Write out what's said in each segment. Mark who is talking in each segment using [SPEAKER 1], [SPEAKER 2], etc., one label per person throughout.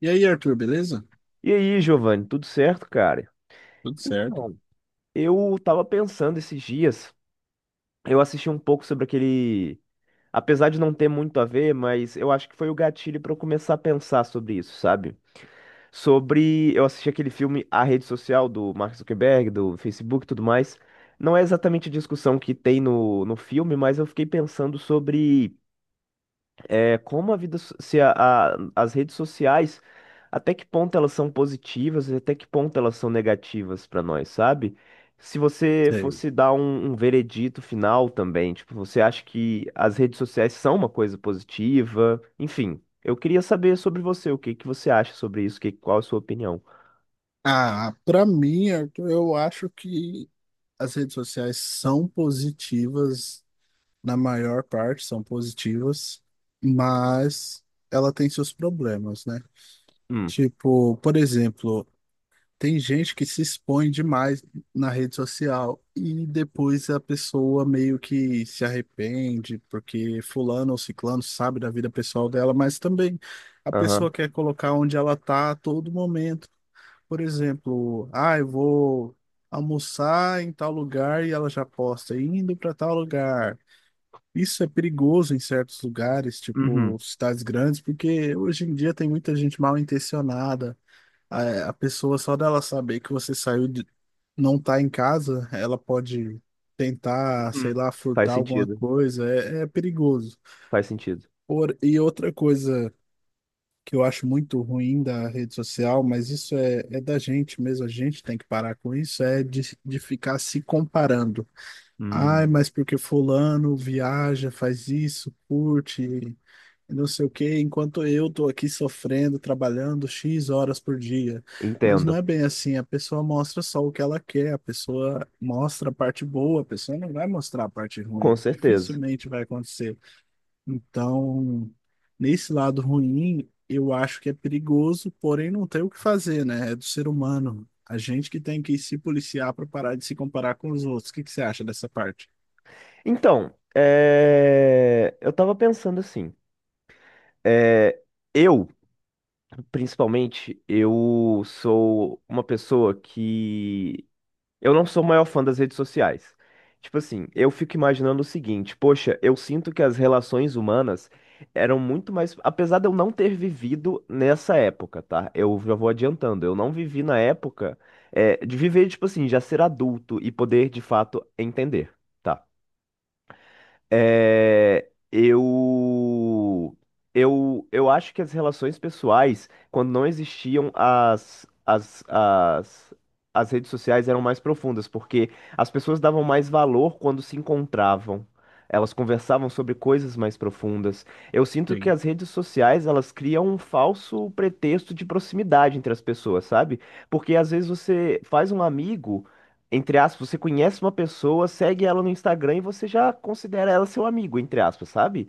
[SPEAKER 1] E aí, Arthur, beleza?
[SPEAKER 2] E aí, Giovanni, tudo certo, cara?
[SPEAKER 1] Tudo certo.
[SPEAKER 2] Então, eu tava pensando esses dias, eu assisti um pouco sobre aquele. Apesar de não ter muito a ver, mas eu acho que foi o gatilho pra eu começar a pensar sobre isso, sabe? Sobre. Eu assisti aquele filme A Rede Social do Mark Zuckerberg, do Facebook e tudo mais. Não é exatamente a discussão que tem no filme, mas eu fiquei pensando sobre. Como a vida, so- se a- a- as redes sociais, até que ponto elas são positivas e até que ponto elas são negativas para nós, sabe? Se você
[SPEAKER 1] Sei.
[SPEAKER 2] fosse dar um veredito final também, tipo, você acha que as redes sociais são uma coisa positiva? Enfim, eu queria saber sobre você, o que que você acha sobre isso, qual a sua opinião?
[SPEAKER 1] Ah, pra mim, Arthur, eu acho que as redes sociais são positivas, na maior parte são positivas, mas ela tem seus problemas, né?
[SPEAKER 2] Hum,
[SPEAKER 1] Tipo, por exemplo, tem gente que se expõe demais na rede social e depois a pessoa meio que se arrepende porque fulano ou ciclano sabe da vida pessoal dela, mas também a
[SPEAKER 2] aham,
[SPEAKER 1] pessoa quer colocar onde ela tá a todo momento. Por exemplo, ah, eu vou almoçar em tal lugar e ela já posta indo para tal lugar. Isso é perigoso em certos lugares,
[SPEAKER 2] uhum,
[SPEAKER 1] tipo cidades grandes, porque hoje em dia tem muita gente mal intencionada a pessoa, só dela saber que você saiu de, não tá em casa, ela pode tentar,
[SPEAKER 2] uhum.
[SPEAKER 1] sei lá,
[SPEAKER 2] Faz
[SPEAKER 1] furtar alguma
[SPEAKER 2] sentido,
[SPEAKER 1] coisa, é perigoso.
[SPEAKER 2] faz sentido.
[SPEAKER 1] Por, e outra coisa que eu acho muito ruim da rede social, mas isso é, é da gente mesmo, a gente tem que parar com isso, é de ficar se comparando. Ai,
[SPEAKER 2] Hum,
[SPEAKER 1] mas porque fulano viaja, faz isso, curte não sei o quê, enquanto eu tô aqui sofrendo, trabalhando X horas por dia. Mas não
[SPEAKER 2] entendo,
[SPEAKER 1] é bem assim, a pessoa mostra só o que ela quer, a pessoa mostra a parte boa, a pessoa não vai mostrar a parte
[SPEAKER 2] com
[SPEAKER 1] ruim,
[SPEAKER 2] certeza.
[SPEAKER 1] dificilmente vai acontecer. Então, nesse lado ruim, eu acho que é perigoso, porém não tem o que fazer, né? É do ser humano. A gente que tem que se policiar para parar de se comparar com os outros. O que que você acha dessa parte?
[SPEAKER 2] Então, eu tava pensando assim, é, eu, principalmente, eu sou uma pessoa que eu não sou o maior fã das redes sociais. Tipo assim, eu fico imaginando o seguinte, poxa, eu sinto que as relações humanas eram muito mais, apesar de eu não ter vivido nessa época, tá? Eu já vou adiantando, eu não vivi na época, de viver, tipo assim, já ser adulto e poder de fato entender. Tá? É, eu, eu acho que as relações pessoais, quando não existiam as redes sociais, eram mais profundas, porque as pessoas davam mais valor quando se encontravam. Elas conversavam sobre coisas mais profundas. Eu sinto que
[SPEAKER 1] Sim,
[SPEAKER 2] as redes sociais, elas criam um falso pretexto de proximidade entre as pessoas, sabe? Porque às vezes você faz um amigo entre aspas, você conhece uma pessoa, segue ela no Instagram e você já considera ela seu amigo, entre aspas, sabe?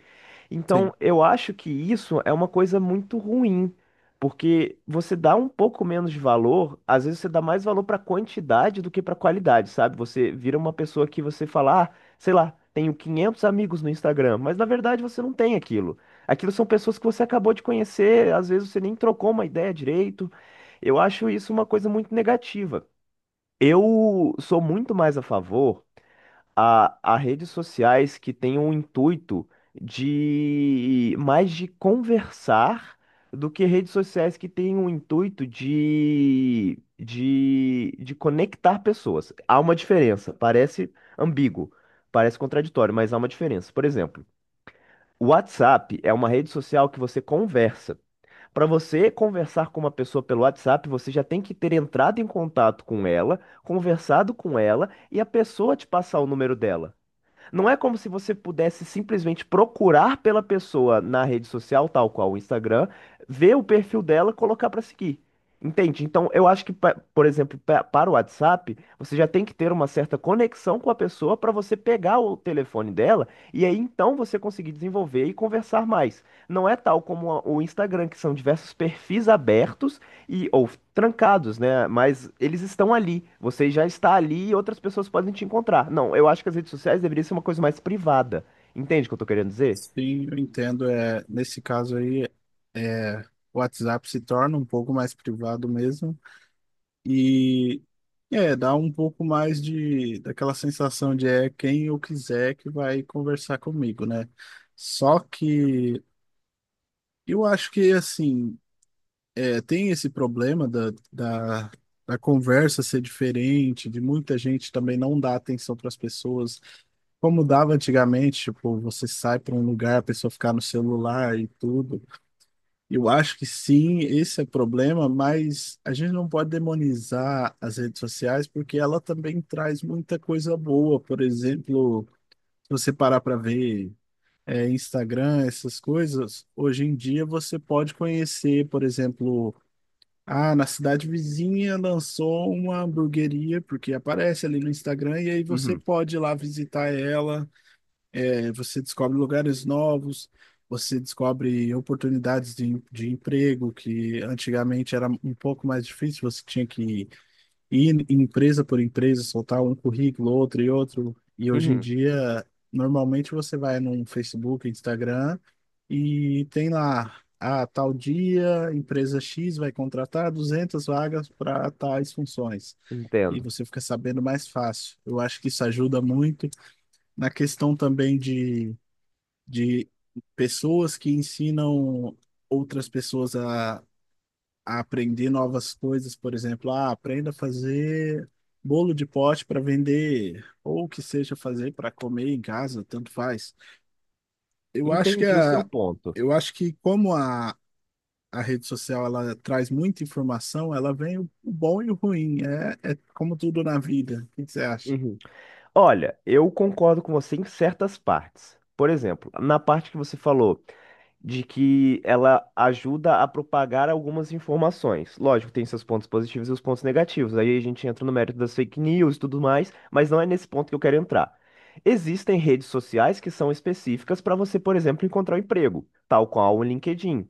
[SPEAKER 2] Então,
[SPEAKER 1] sim.
[SPEAKER 2] eu acho que isso é uma coisa muito ruim, porque você dá um pouco menos de valor, às vezes você dá mais valor pra quantidade do que pra qualidade, sabe? Você vira uma pessoa que você fala, ah, sei lá, tenho 500 amigos no Instagram, mas na verdade você não tem aquilo. Aquilo são pessoas que você acabou de conhecer, às vezes você nem trocou uma ideia direito. Eu acho isso uma coisa muito negativa. Eu sou muito mais a favor a redes sociais que têm um intuito de mais de conversar do que redes sociais que têm um intuito de conectar pessoas. Há uma diferença, parece ambíguo, parece contraditório, mas há uma diferença. Por exemplo, o WhatsApp é uma rede social que você conversa. Para você conversar com uma pessoa pelo WhatsApp, você já tem que ter entrado em contato com ela, conversado com ela e a pessoa te passar o número dela. Não é como se você pudesse simplesmente procurar pela pessoa na rede social, tal qual o Instagram, ver o perfil dela, colocar pra seguir. Entende? Então, eu acho que, por exemplo, para o WhatsApp, você já tem que ter uma certa conexão com a pessoa para você pegar o telefone dela e aí então você conseguir desenvolver e conversar mais. Não é tal como o Instagram, que são diversos perfis abertos e ou trancados, né? Mas eles estão ali. Você já está ali e outras pessoas podem te encontrar. Não, eu acho que as redes sociais deveriam ser uma coisa mais privada. Entende o que eu tô querendo dizer?
[SPEAKER 1] Sim, eu entendo. É, nesse caso aí, é, o WhatsApp se torna um pouco mais privado mesmo e, é, dá um pouco mais de daquela sensação de é quem eu quiser que vai conversar comigo, né? Só que eu acho que assim, é, tem esse problema da conversa ser diferente, de muita gente também não dar atenção para as pessoas, como dava antigamente, tipo, você sai para um lugar, a pessoa ficar no celular e tudo. Eu acho que sim, esse é o problema, mas a gente não pode demonizar as redes sociais porque ela também traz muita coisa boa. Por exemplo, se você parar para ver, é, Instagram, essas coisas, hoje em dia você pode conhecer, por exemplo, ah, na cidade vizinha lançou uma hamburgueria, porque aparece ali no Instagram, e aí você
[SPEAKER 2] Uhum.
[SPEAKER 1] pode ir lá visitar ela. É, você descobre lugares novos, você descobre oportunidades de emprego que antigamente era um pouco mais difícil, você tinha que ir em empresa por empresa, soltar um currículo, outro e outro. E hoje em
[SPEAKER 2] Uhum,
[SPEAKER 1] dia, normalmente você vai no Facebook, Instagram e tem lá, a tal dia, empresa X vai contratar 200 vagas para tais funções. E
[SPEAKER 2] entendo.
[SPEAKER 1] você fica sabendo mais fácil. Eu acho que isso ajuda muito na questão também de pessoas que ensinam outras pessoas a aprender novas coisas, por exemplo, ah, aprenda a fazer bolo de pote para vender, ou que seja fazer para comer em casa, tanto faz. Eu acho que
[SPEAKER 2] Entendi o seu
[SPEAKER 1] a,
[SPEAKER 2] ponto.
[SPEAKER 1] eu acho que como a rede social, ela traz muita informação, ela vem o bom e o ruim, é, é como tudo na vida. O que que você acha?
[SPEAKER 2] Uhum. Olha, eu concordo com você em certas partes. Por exemplo, na parte que você falou de que ela ajuda a propagar algumas informações. Lógico, tem seus pontos positivos e os pontos negativos. Aí a gente entra no mérito das fake news e tudo mais, mas não é nesse ponto que eu quero entrar. Existem redes sociais que são específicas para você, por exemplo, encontrar um emprego, tal qual o LinkedIn.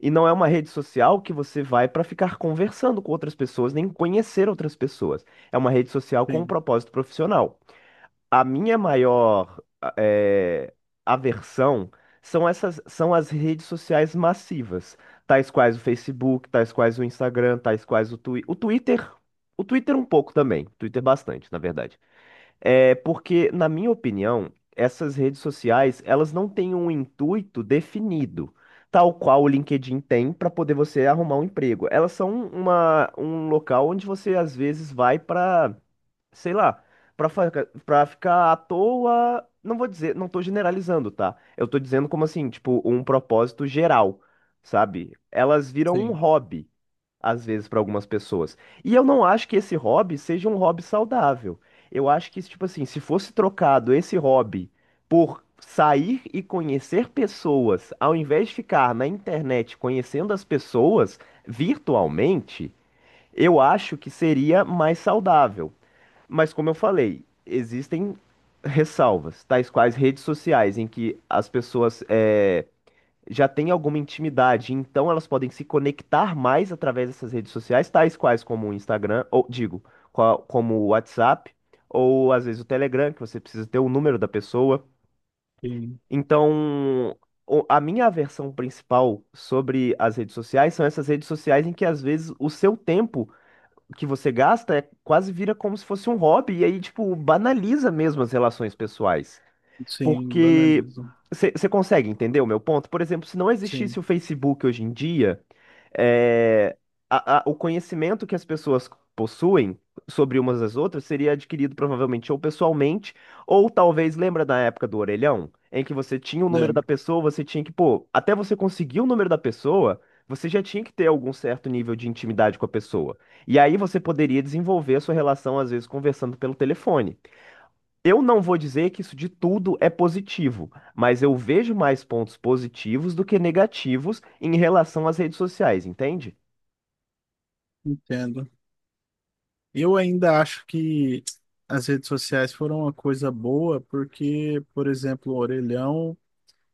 [SPEAKER 2] E não é uma rede social que você vai para ficar conversando com outras pessoas, nem conhecer outras pessoas. É uma rede social com um
[SPEAKER 1] Sim,
[SPEAKER 2] propósito profissional. A minha maior eh, aversão são as redes sociais massivas, tais quais o Facebook, tais quais o Instagram, tais quais o Twitter. O Twitter um pouco também, Twitter bastante, na verdade. É porque, na minha opinião, essas redes sociais, elas não têm um intuito definido, tal qual o LinkedIn tem para poder você arrumar um emprego. Elas são um local onde você às vezes vai para sei lá, pra, fa- pra ficar à toa, não vou dizer, não tô generalizando, tá? Eu tô dizendo como assim, tipo, um propósito geral, sabe? Elas viram um
[SPEAKER 1] sim,
[SPEAKER 2] hobby, às vezes, pra algumas pessoas. E eu não acho que esse hobby seja um hobby saudável. Eu acho que, tipo assim, se fosse trocado esse hobby por sair e conhecer pessoas, ao invés de ficar na internet conhecendo as pessoas virtualmente, eu acho que seria mais saudável. Mas como eu falei, existem ressalvas, tais quais redes sociais, em que as pessoas já têm alguma intimidade, então elas podem se conectar mais através dessas redes sociais, tais quais como o Instagram, ou digo, como o WhatsApp, ou às vezes o Telegram, que você precisa ter o número da pessoa.
[SPEAKER 1] sim,
[SPEAKER 2] Então, a minha aversão principal sobre as redes sociais são essas redes sociais em que às vezes o seu tempo que você gasta é quase vira como se fosse um hobby e aí, tipo, banaliza mesmo as relações pessoais.
[SPEAKER 1] sim,
[SPEAKER 2] Porque
[SPEAKER 1] banaliza.
[SPEAKER 2] você consegue entender o meu ponto? Por exemplo, se não
[SPEAKER 1] Sim,
[SPEAKER 2] existisse o Facebook hoje em dia, é, o conhecimento que as pessoas possuem sobre umas das outras seria adquirido provavelmente ou pessoalmente, ou talvez, lembra da época do orelhão, em que você tinha o número da
[SPEAKER 1] lembro,
[SPEAKER 2] pessoa, você tinha que, pô, até você conseguir o número da pessoa, você já tinha que ter algum certo nível de intimidade com a pessoa. E aí você poderia desenvolver a sua relação, às vezes, conversando pelo telefone. Eu não vou dizer que isso de tudo é positivo, mas eu vejo mais pontos positivos do que negativos em relação às redes sociais, entende?
[SPEAKER 1] entendo. Eu ainda acho que as redes sociais foram uma coisa boa, porque, por exemplo, o orelhão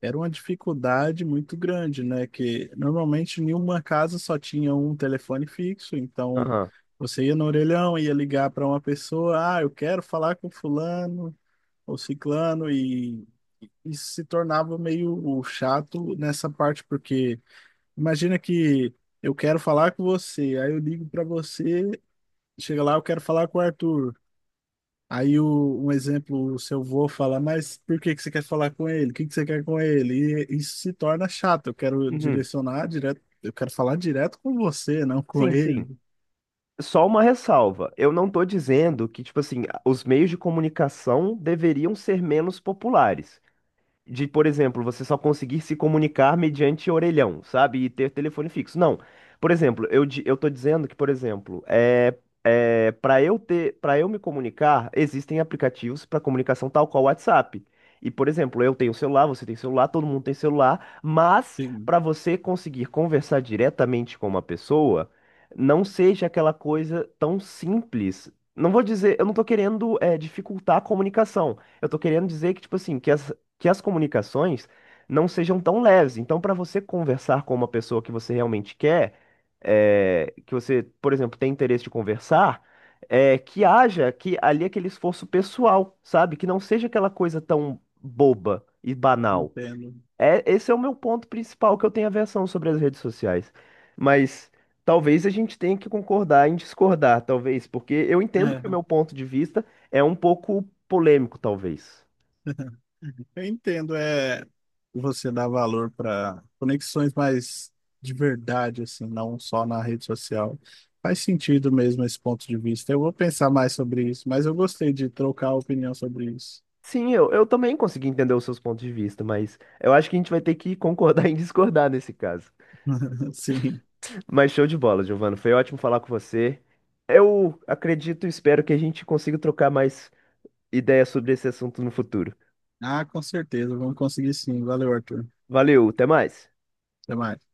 [SPEAKER 1] era uma dificuldade muito grande, né? Que normalmente nenhuma casa só tinha um telefone fixo, então
[SPEAKER 2] Aham.
[SPEAKER 1] você ia no orelhão, ia ligar para uma pessoa, ah, eu quero falar com fulano ou ciclano, e isso se tornava meio chato nessa parte, porque imagina que eu quero falar com você, aí eu ligo para você, chega lá, eu quero falar com o Arthur. Aí o, um exemplo, o seu avô fala, mas por que que você quer falar com ele? O que que você quer com ele? E isso se torna chato. Eu quero
[SPEAKER 2] Uhum.
[SPEAKER 1] direcionar direto, eu quero falar direto com você, não com
[SPEAKER 2] Sim, sim.
[SPEAKER 1] ele.
[SPEAKER 2] Só uma ressalva. Eu não estou dizendo que, tipo assim, os meios de comunicação deveriam ser menos populares. De, por exemplo, você só conseguir se comunicar mediante orelhão, sabe? E ter telefone fixo. Não. Por exemplo, eu tô dizendo que, por exemplo, para eu ter, para eu me comunicar, existem aplicativos para comunicação tal qual o WhatsApp. E, por exemplo, eu tenho celular, você tem celular, todo mundo tem celular, mas
[SPEAKER 1] Sim,
[SPEAKER 2] para você conseguir conversar diretamente com uma pessoa, não seja aquela coisa tão simples. Não vou dizer, eu não tô querendo dificultar a comunicação. Eu tô querendo dizer que, tipo assim, que as comunicações não sejam tão leves. Então, para você conversar com uma pessoa que você realmente quer, que você, por exemplo, tem interesse de conversar, que haja que ali aquele esforço pessoal, sabe? Que não seja aquela coisa tão boba e banal.
[SPEAKER 1] entendo.
[SPEAKER 2] É, esse é o meu ponto principal que eu tenho aversão sobre as redes sociais. Mas talvez a gente tenha que concordar em discordar, talvez, porque eu entendo que o
[SPEAKER 1] É,
[SPEAKER 2] meu ponto de vista é um pouco polêmico, talvez.
[SPEAKER 1] eu entendo, é você dar valor para conexões mais de verdade, assim, não só na rede social. Faz sentido mesmo esse ponto de vista. Eu vou pensar mais sobre isso, mas eu gostei de trocar a opinião sobre isso.
[SPEAKER 2] Sim, eu também consegui entender os seus pontos de vista, mas eu acho que a gente vai ter que concordar em discordar nesse caso.
[SPEAKER 1] Sim.
[SPEAKER 2] Mas show de bola, Giovana. Foi ótimo falar com você. Eu acredito e espero que a gente consiga trocar mais ideias sobre esse assunto no futuro.
[SPEAKER 1] Ah, com certeza. Vamos conseguir sim. Valeu, Arthur.
[SPEAKER 2] Valeu, até mais.
[SPEAKER 1] Até mais.